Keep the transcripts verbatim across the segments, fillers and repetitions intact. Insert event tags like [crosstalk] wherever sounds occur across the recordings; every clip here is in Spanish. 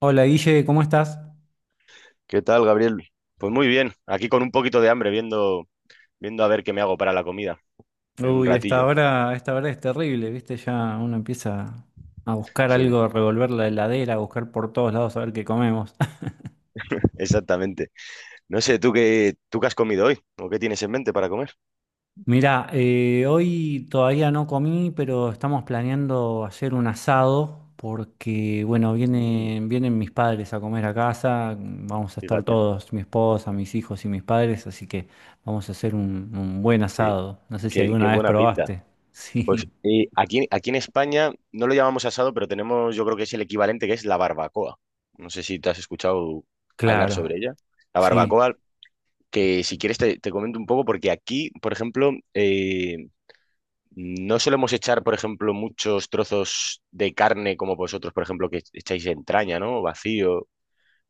Hola Guille, ¿cómo estás? ¿Qué tal, Gabriel? Pues muy bien, aquí con un poquito de hambre, viendo, viendo a ver qué me hago para la comida en un Uy, esta ratillo. hora, esta hora es terrible, ¿viste? Ya uno empieza a buscar Sí, algo, revolver la heladera, a buscar por todos lados a ver qué comemos. exactamente. No sé, ¿tú qué, tú qué has comido hoy? ¿O qué tienes en mente para comer? [laughs] Mirá, eh, hoy todavía no comí, pero estamos planeando hacer un asado porque, bueno, Mm. vienen, vienen mis padres a comer a casa, vamos a estar Fíjate, todos, mi esposa, mis hijos y mis padres, así que vamos a hacer un, un buen qué, asado. No sé si qué, qué alguna vez buena pinta. probaste. [laughs] Pues Sí, eh, aquí, aquí en España no lo llamamos asado, pero tenemos, yo creo que es el equivalente, que es la barbacoa. No sé si te has escuchado hablar claro, sobre ella. La sí, barbacoa, que si quieres te, te comento un poco, porque aquí, por ejemplo, eh, no solemos echar, por ejemplo, muchos trozos de carne como vosotros, por ejemplo, que echáis entraña, ¿no? Vacío.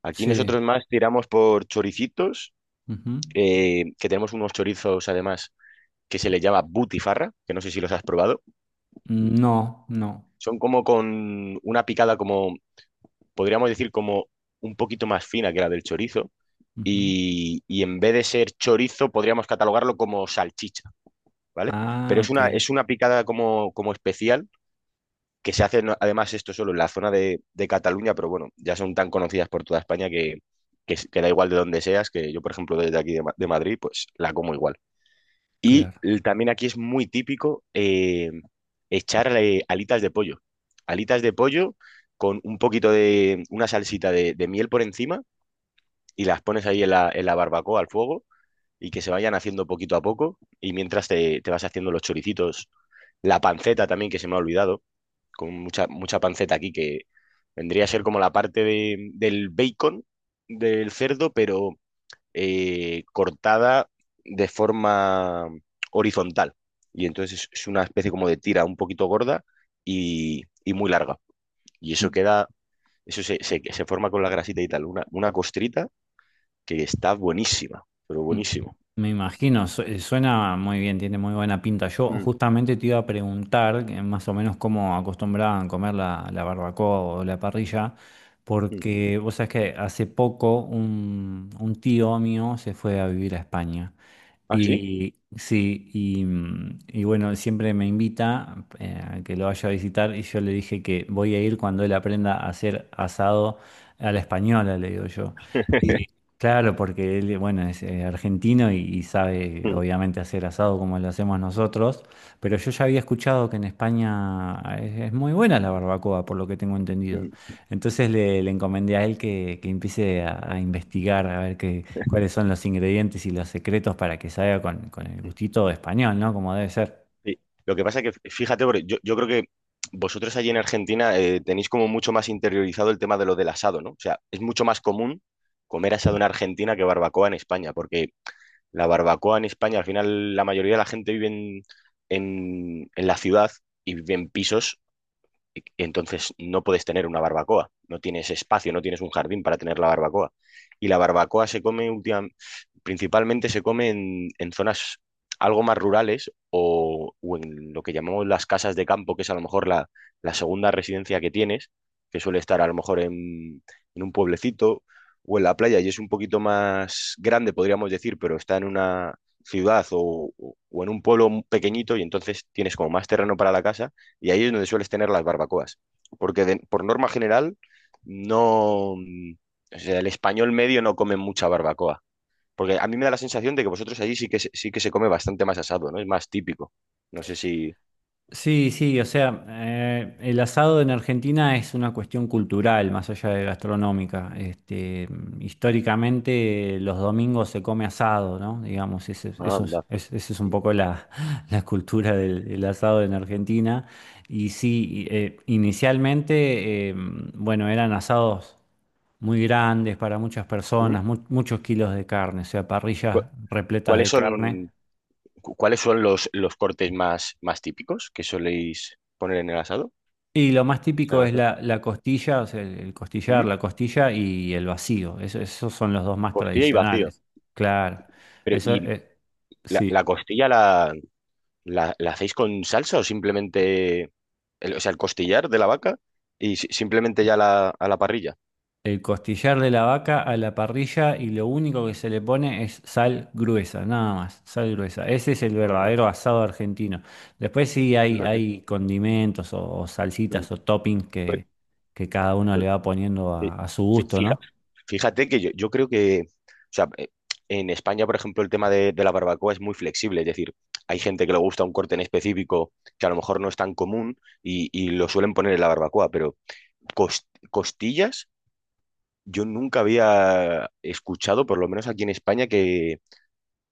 Aquí nosotros sí. más tiramos por choricitos, Ujú. eh, que tenemos unos chorizos además que se les llama butifarra, que no sé si los has probado. No, no. Son como con una picada como, podríamos decir, como un poquito más fina que la del chorizo. Ujú. Y, y en vez de ser chorizo, podríamos catalogarlo como salchicha, ¿vale? Pero Ah, es una, ok, es una picada como, como, especial, que se hacen además esto solo en la zona de, de Cataluña, pero bueno, ya son tan conocidas por toda España que, que, que da igual de donde seas, que yo, por ejemplo, desde aquí de, Ma- de Madrid, pues la como igual. Y claro. l- también aquí es muy típico eh, echar eh, alitas de pollo. Alitas de pollo con un poquito de una salsita de, de miel por encima y las pones ahí en la, en la barbacoa al fuego, y que se vayan haciendo poquito a poco y mientras te, te vas haciendo los choricitos. La panceta también, que se me ha olvidado, con mucha, mucha panceta aquí, que vendría a ser como la parte de- del bacon del cerdo, pero eh, cortada de forma horizontal. Y entonces es, es una especie como de tira un poquito gorda y, y muy larga. Y eso queda, eso se, se- se forma con la grasita y tal, una, una costrita que está buenísima, pero Mm, buenísimo. me imagino, su- eh, suena muy bien, tiene muy buena pinta. Yo Mm, justamente te iba a preguntar que más o menos cómo acostumbraban comer la, la barbacoa o la parrilla, mm. porque vos sabés que hace poco un, un tío mío se fue a vivir a España. ¿Ah, sí? Y sí, y, mm, y bueno, siempre me invita eh, a que lo vaya a visitar y yo le dije que voy a ir cuando él aprenda a hacer asado a la española, le digo yo. [laughs] Claro, porque él, bueno, es eh, argentino y, y sabe Mm, obviamente hacer asado como lo hacemos nosotros, pero yo ya había escuchado que en España ah, es, es muy buena la barbacoa, por lo que tengo entendido. mm, Entonces le, le encomendé a él que, que empiece a, a investigar, a ver qué, cuáles son los ingredientes y los secretos para que salga con, con el mm. gustito español, ¿no? Como debe ser. Sí. Lo que pasa es que, fíjate, porque yo, yo creo que vosotros allí en Argentina eh, tenéis como mucho más interiorizado el tema de lo del asado, ¿no? O sea, es mucho más común comer asado en Argentina que barbacoa en España, porque la barbacoa en España, al final, la mayoría de la gente vive en, en- en la ciudad y vive en pisos, entonces no puedes tener una barbacoa, no tienes espacio, no tienes un jardín para tener la barbacoa. Y la barbacoa se come última- principalmente se come en, en zonas algo más rurales, o, o en lo que llamamos las casas de campo, que es a lo mejor la, la segunda residencia que tienes, que suele estar a lo mejor en, en un pueblecito o en la playa y es un poquito más grande, podríamos decir, pero está en una ciudad o, o o en un pueblo pequeñito, y entonces tienes como más terreno para la casa, y ahí es donde sueles tener las barbacoas. Porque de- por norma general, no. mm, O sea, el español medio no come mucha barbacoa. Porque a mí me da la sensación de que vosotros allí sí que, se- sí que se come bastante más asado, ¿no? Es más típico. No sé si. Sí, sí, o sea, eh, el asado en Argentina es una cuestión cultural, más allá de gastronómica. Este, históricamente los domingos se come asado, ¿no? Digamos, ese es- Ah, eso es, anda. es- esa es un poco la, [laughs] la cultura del, del asado en Argentina. Y sí, y, eh, inicialmente, eh, bueno, eran asados muy grandes para muchas ¿Mm? personas, mu- muchos kilos de carne, o sea, ¿Cu- parrillas repletas ¿Cuáles de carne. son, cu- cuáles son los, los cortes más, más típicos que soléis poner en el asado? Y lo más O sea, típico es no. la, la costilla, o sea, el, el costillar, ¿Mm? la costilla y el vacío. Eso- esos son los dos más Costilla y vacío. tradicionales. Claro. Pero, Eso ¿y eh, la, la Sí. costilla la, ¿La, la hacéis con salsa o simplemente, el- o sea, el costillar de la vaca y si- simplemente ya la, a la parrilla? El costillar de la vaca a la parrilla y lo único que se le pone es sal gruesa, nada más, sal gruesa. Ese es el Anda, verdadero asado argentino. Después sí hay, fíjate. hay condimentos o, o Mm. salsitas o toppings Pues- que, que cada uno le pues, va poniendo a, sí. a su Fí- gusto, fija- ¿no? fíjate que yo, yo creo que, o sea, eh, en España, por ejemplo, el tema de, de la barbacoa es muy flexible, es decir, hay gente que le gusta un corte en específico que a lo mejor no es tan común y, y lo suelen poner en la barbacoa, pero cos- costillas yo nunca había escuchado, por lo menos aquí en España, que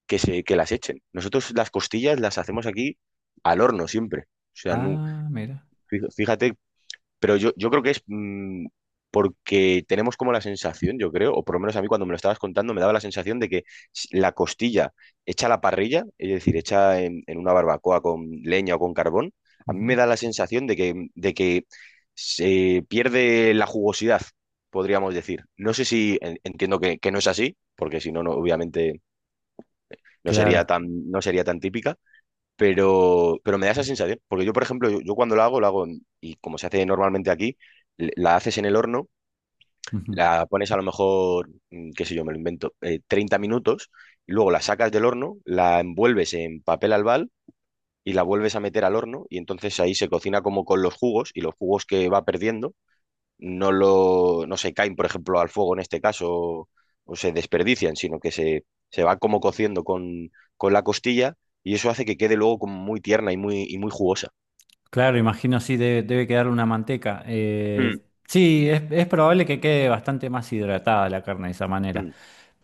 que, se, que las echen. Nosotros las costillas las hacemos aquí al horno siempre. O sea, no, Ah, mira. fí- fíjate, pero yo, yo creo que es, mm, porque tenemos como la sensación, yo creo, o por lo menos a mí cuando me lo estabas contando me daba la sensación de que s- la costilla hecha a la parrilla, es decir, hecha en, en una barbacoa con leña o con carbón, a mí Ujú. me da la sensación de que, de que, se pierde la jugosidad, podríamos decir. No sé si en- entiendo que, que, no es así, porque si no, no, obviamente no sería Claro. tan, no sería tan típica, pero, pero me da esa sensación, porque yo, por ejemplo, yo, yo cuando la hago, la hago, en- y como se hace normalmente aquí, l- la haces en el horno, Ujú. la pones a lo mejor, mm, qué sé yo, me lo invento, eh, treinta minutos, y luego la sacas del horno, la envuelves en papel albal y la vuelves a meter al horno, y entonces ahí se cocina como con los jugos, y los jugos que va perdiendo no lo, no se caen, por ejemplo, al fuego en este caso, o, o se desperdician, sino que se, se va como cociendo con, con la costilla, y eso hace que quede luego como muy tierna y muy, y muy jugosa. Claro, imagino sí, debe, debe quedar una manteca. Mm, Eh, sí, es, es probable que quede bastante más hidratada la carne de esa manera. mm,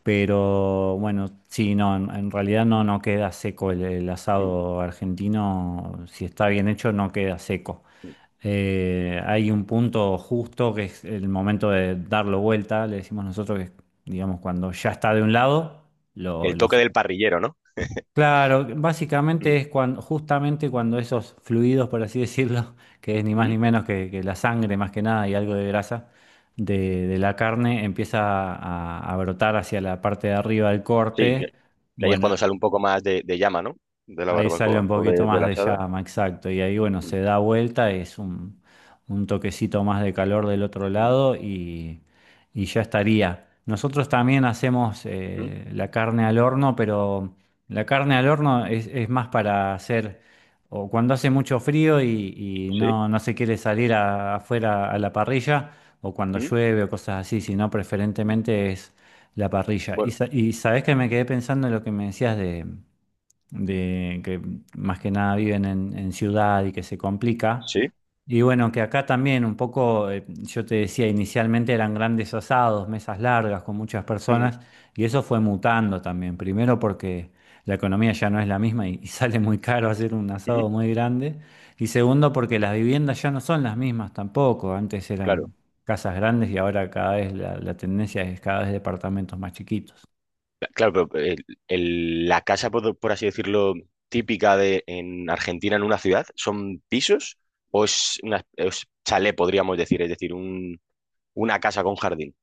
Pero bueno, sí, no, en, en realidad no, no queda seco el, el mm, asado argentino. Si está bien hecho, no queda seco. mm. Eh, hay un punto justo que es el momento de darlo vuelta, le decimos nosotros que es, digamos, cuando ya está de un lado, lo El lo toque del parrillero, ¿no? Claro, básicamente es cuando, justamente cuando esos fluidos, por así decirlo, [laughs] que es ni más Ujú. ni menos que, que la sangre más que nada y algo de grasa de, de la carne, empieza a, a brotar hacia la parte de arriba del Sí, que, corte. que ahí es Bueno, cuando sale un poco más de, de llama, ¿no? De la ahí sale un barbacoa o poquito de, de más la de asada. llama, exacto. Y ahí, bueno, Mm, se da vuelta, es un, un toquecito más de calor del otro mm, lado y, y ya estaría. Nosotros también hacemos mm. eh, la carne al horno, pero la carne al horno es, es más para hacer, o cuando hace mucho frío y, y Sí. no, no se quiere salir a- afuera a la parrilla, o cuando Mm, llueve o cosas así, sino mm. preferentemente es la parrilla. Y, Bueno, sa- y sabés que me quedé pensando en lo que me decías de de que más que nada viven en, en ciudad y que se complica. sí. Y bueno, que acá también un poco, eh, yo te decía, inicialmente eran grandes asados, mesas largas con muchas Mm, personas, y eso fue mutando también. Primero porque la economía ya no es la misma y, y [laughs] sale muy caro hacer un mm. asado muy grande. Y segundo porque las viviendas ya no son las mismas tampoco. Antes Claro. eran casas grandes y ahora cada vez la la tendencia es cada vez departamentos más chiquitos. Claro, pero el- el- la casa, por, por así decirlo, típica de en Argentina, en una ciudad, ¿son pisos o es una es chalet, podríamos decir? Es decir, un, una casa con jardín.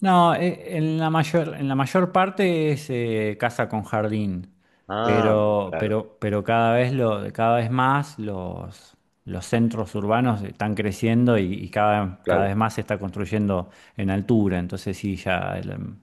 No, eh, en la mayor, en la mayor parte es eh, casa con jardín, Ah, pero, claro, pero, pero cada vez lo, cada vez más los, los centros urbanos están creciendo y, y cada, cada claro. vez más se está construyendo en altura, entonces sí, ya el-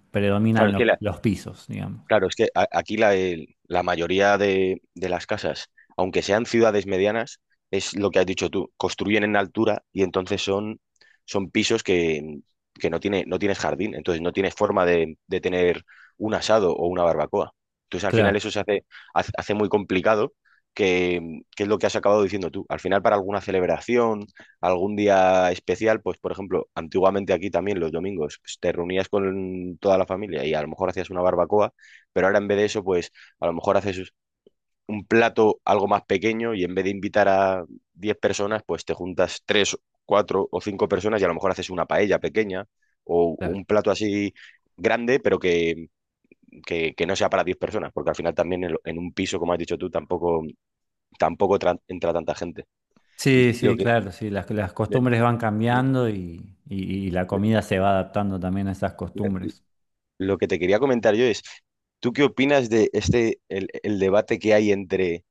Claro, predominan es lo- que la, los pisos, digamos. Claro, es que a- aquí la, el- la mayoría de, de las casas, aunque sean ciudades medianas, es lo que has dicho tú, construyen en altura, y entonces son, son, pisos que, que no tiene, no tienes jardín, entonces no tienes forma de, de tener un asado o una barbacoa. Entonces al Claro, final eso se hace, hace hace muy complicado, que, que es lo que has acabado diciendo tú. Al final, para alguna celebración, algún día especial, pues por ejemplo, antiguamente aquí también los domingos, pues, te reunías con toda la familia y a lo mejor hacías una barbacoa, pero ahora en vez de eso, pues a lo mejor haces un plato algo más pequeño, y en vez de invitar a diez personas, pues te juntas tres, cuatro o cinco personas y a lo mejor haces una paella pequeña o claro. un plato así grande, pero que, que- que no sea para diez personas, porque al final también en, lo- en un piso, como has dicho tú, tampoco, tampoco tra- entra tanta gente. Y Sí, lo sí, que, claro, sí, las, las le- costumbres van le- cambiando y, y- y la comida se va adaptando también a esas le- costumbres. lo que te quería comentar yo es, ¿tú qué opinas de este, el, el debate que hay entre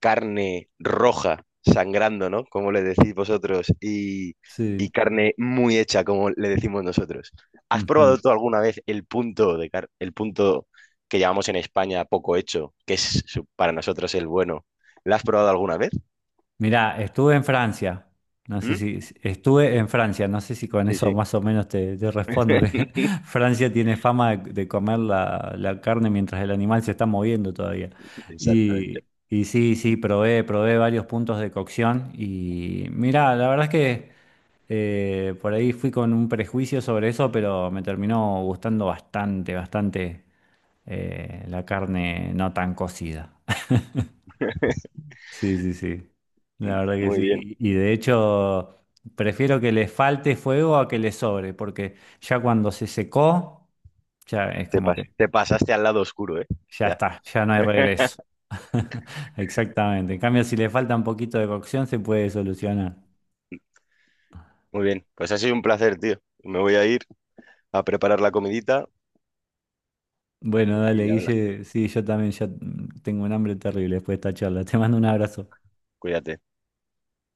carne roja sangrando, ¿no? Como le decís vosotros, y, Sí. y carne muy hecha, como le decimos nosotros. ¿Has Ujú. probado tú alguna vez el punto de car- el punto que llamamos en España poco hecho, que es su- para nosotros el bueno? ¿La has probado alguna vez? Mirá, estuve en Francia. No sé ¿Mm? si si- estuve en Francia, no sé si con Sí, eso sí. más o menos te, te respondo que [laughs] [laughs] Francia tiene fama de, de comer la, la carne mientras el animal se está moviendo todavía. Exactamente. Y, y sí, sí, probé, probé varios puntos de cocción y mirá, la verdad es que eh, por ahí fui con un prejuicio sobre eso, pero me terminó gustando bastante, bastante eh, la carne no tan cocida. Sí, sí, sí. M- La verdad que Muy bien. sí. Y y de hecho, prefiero que le falte fuego a que le sobre, porque ya cuando se secó, ya es Te como pas- que te pasaste al lado oscuro, ¿eh? ya Ya. está, ya no hay regreso. [laughs] Exactamente. En cambio, si le falta un poquito de cocción, se puede solucionar. Muy bien. Pues ha sido un placer, tío. Me voy a ir a preparar la comidita Bueno, y dale, ya habla. Guille. Sí, yo también ya mm, tengo un hambre terrible después de esta charla. Te mando un abrazo. Cuídate.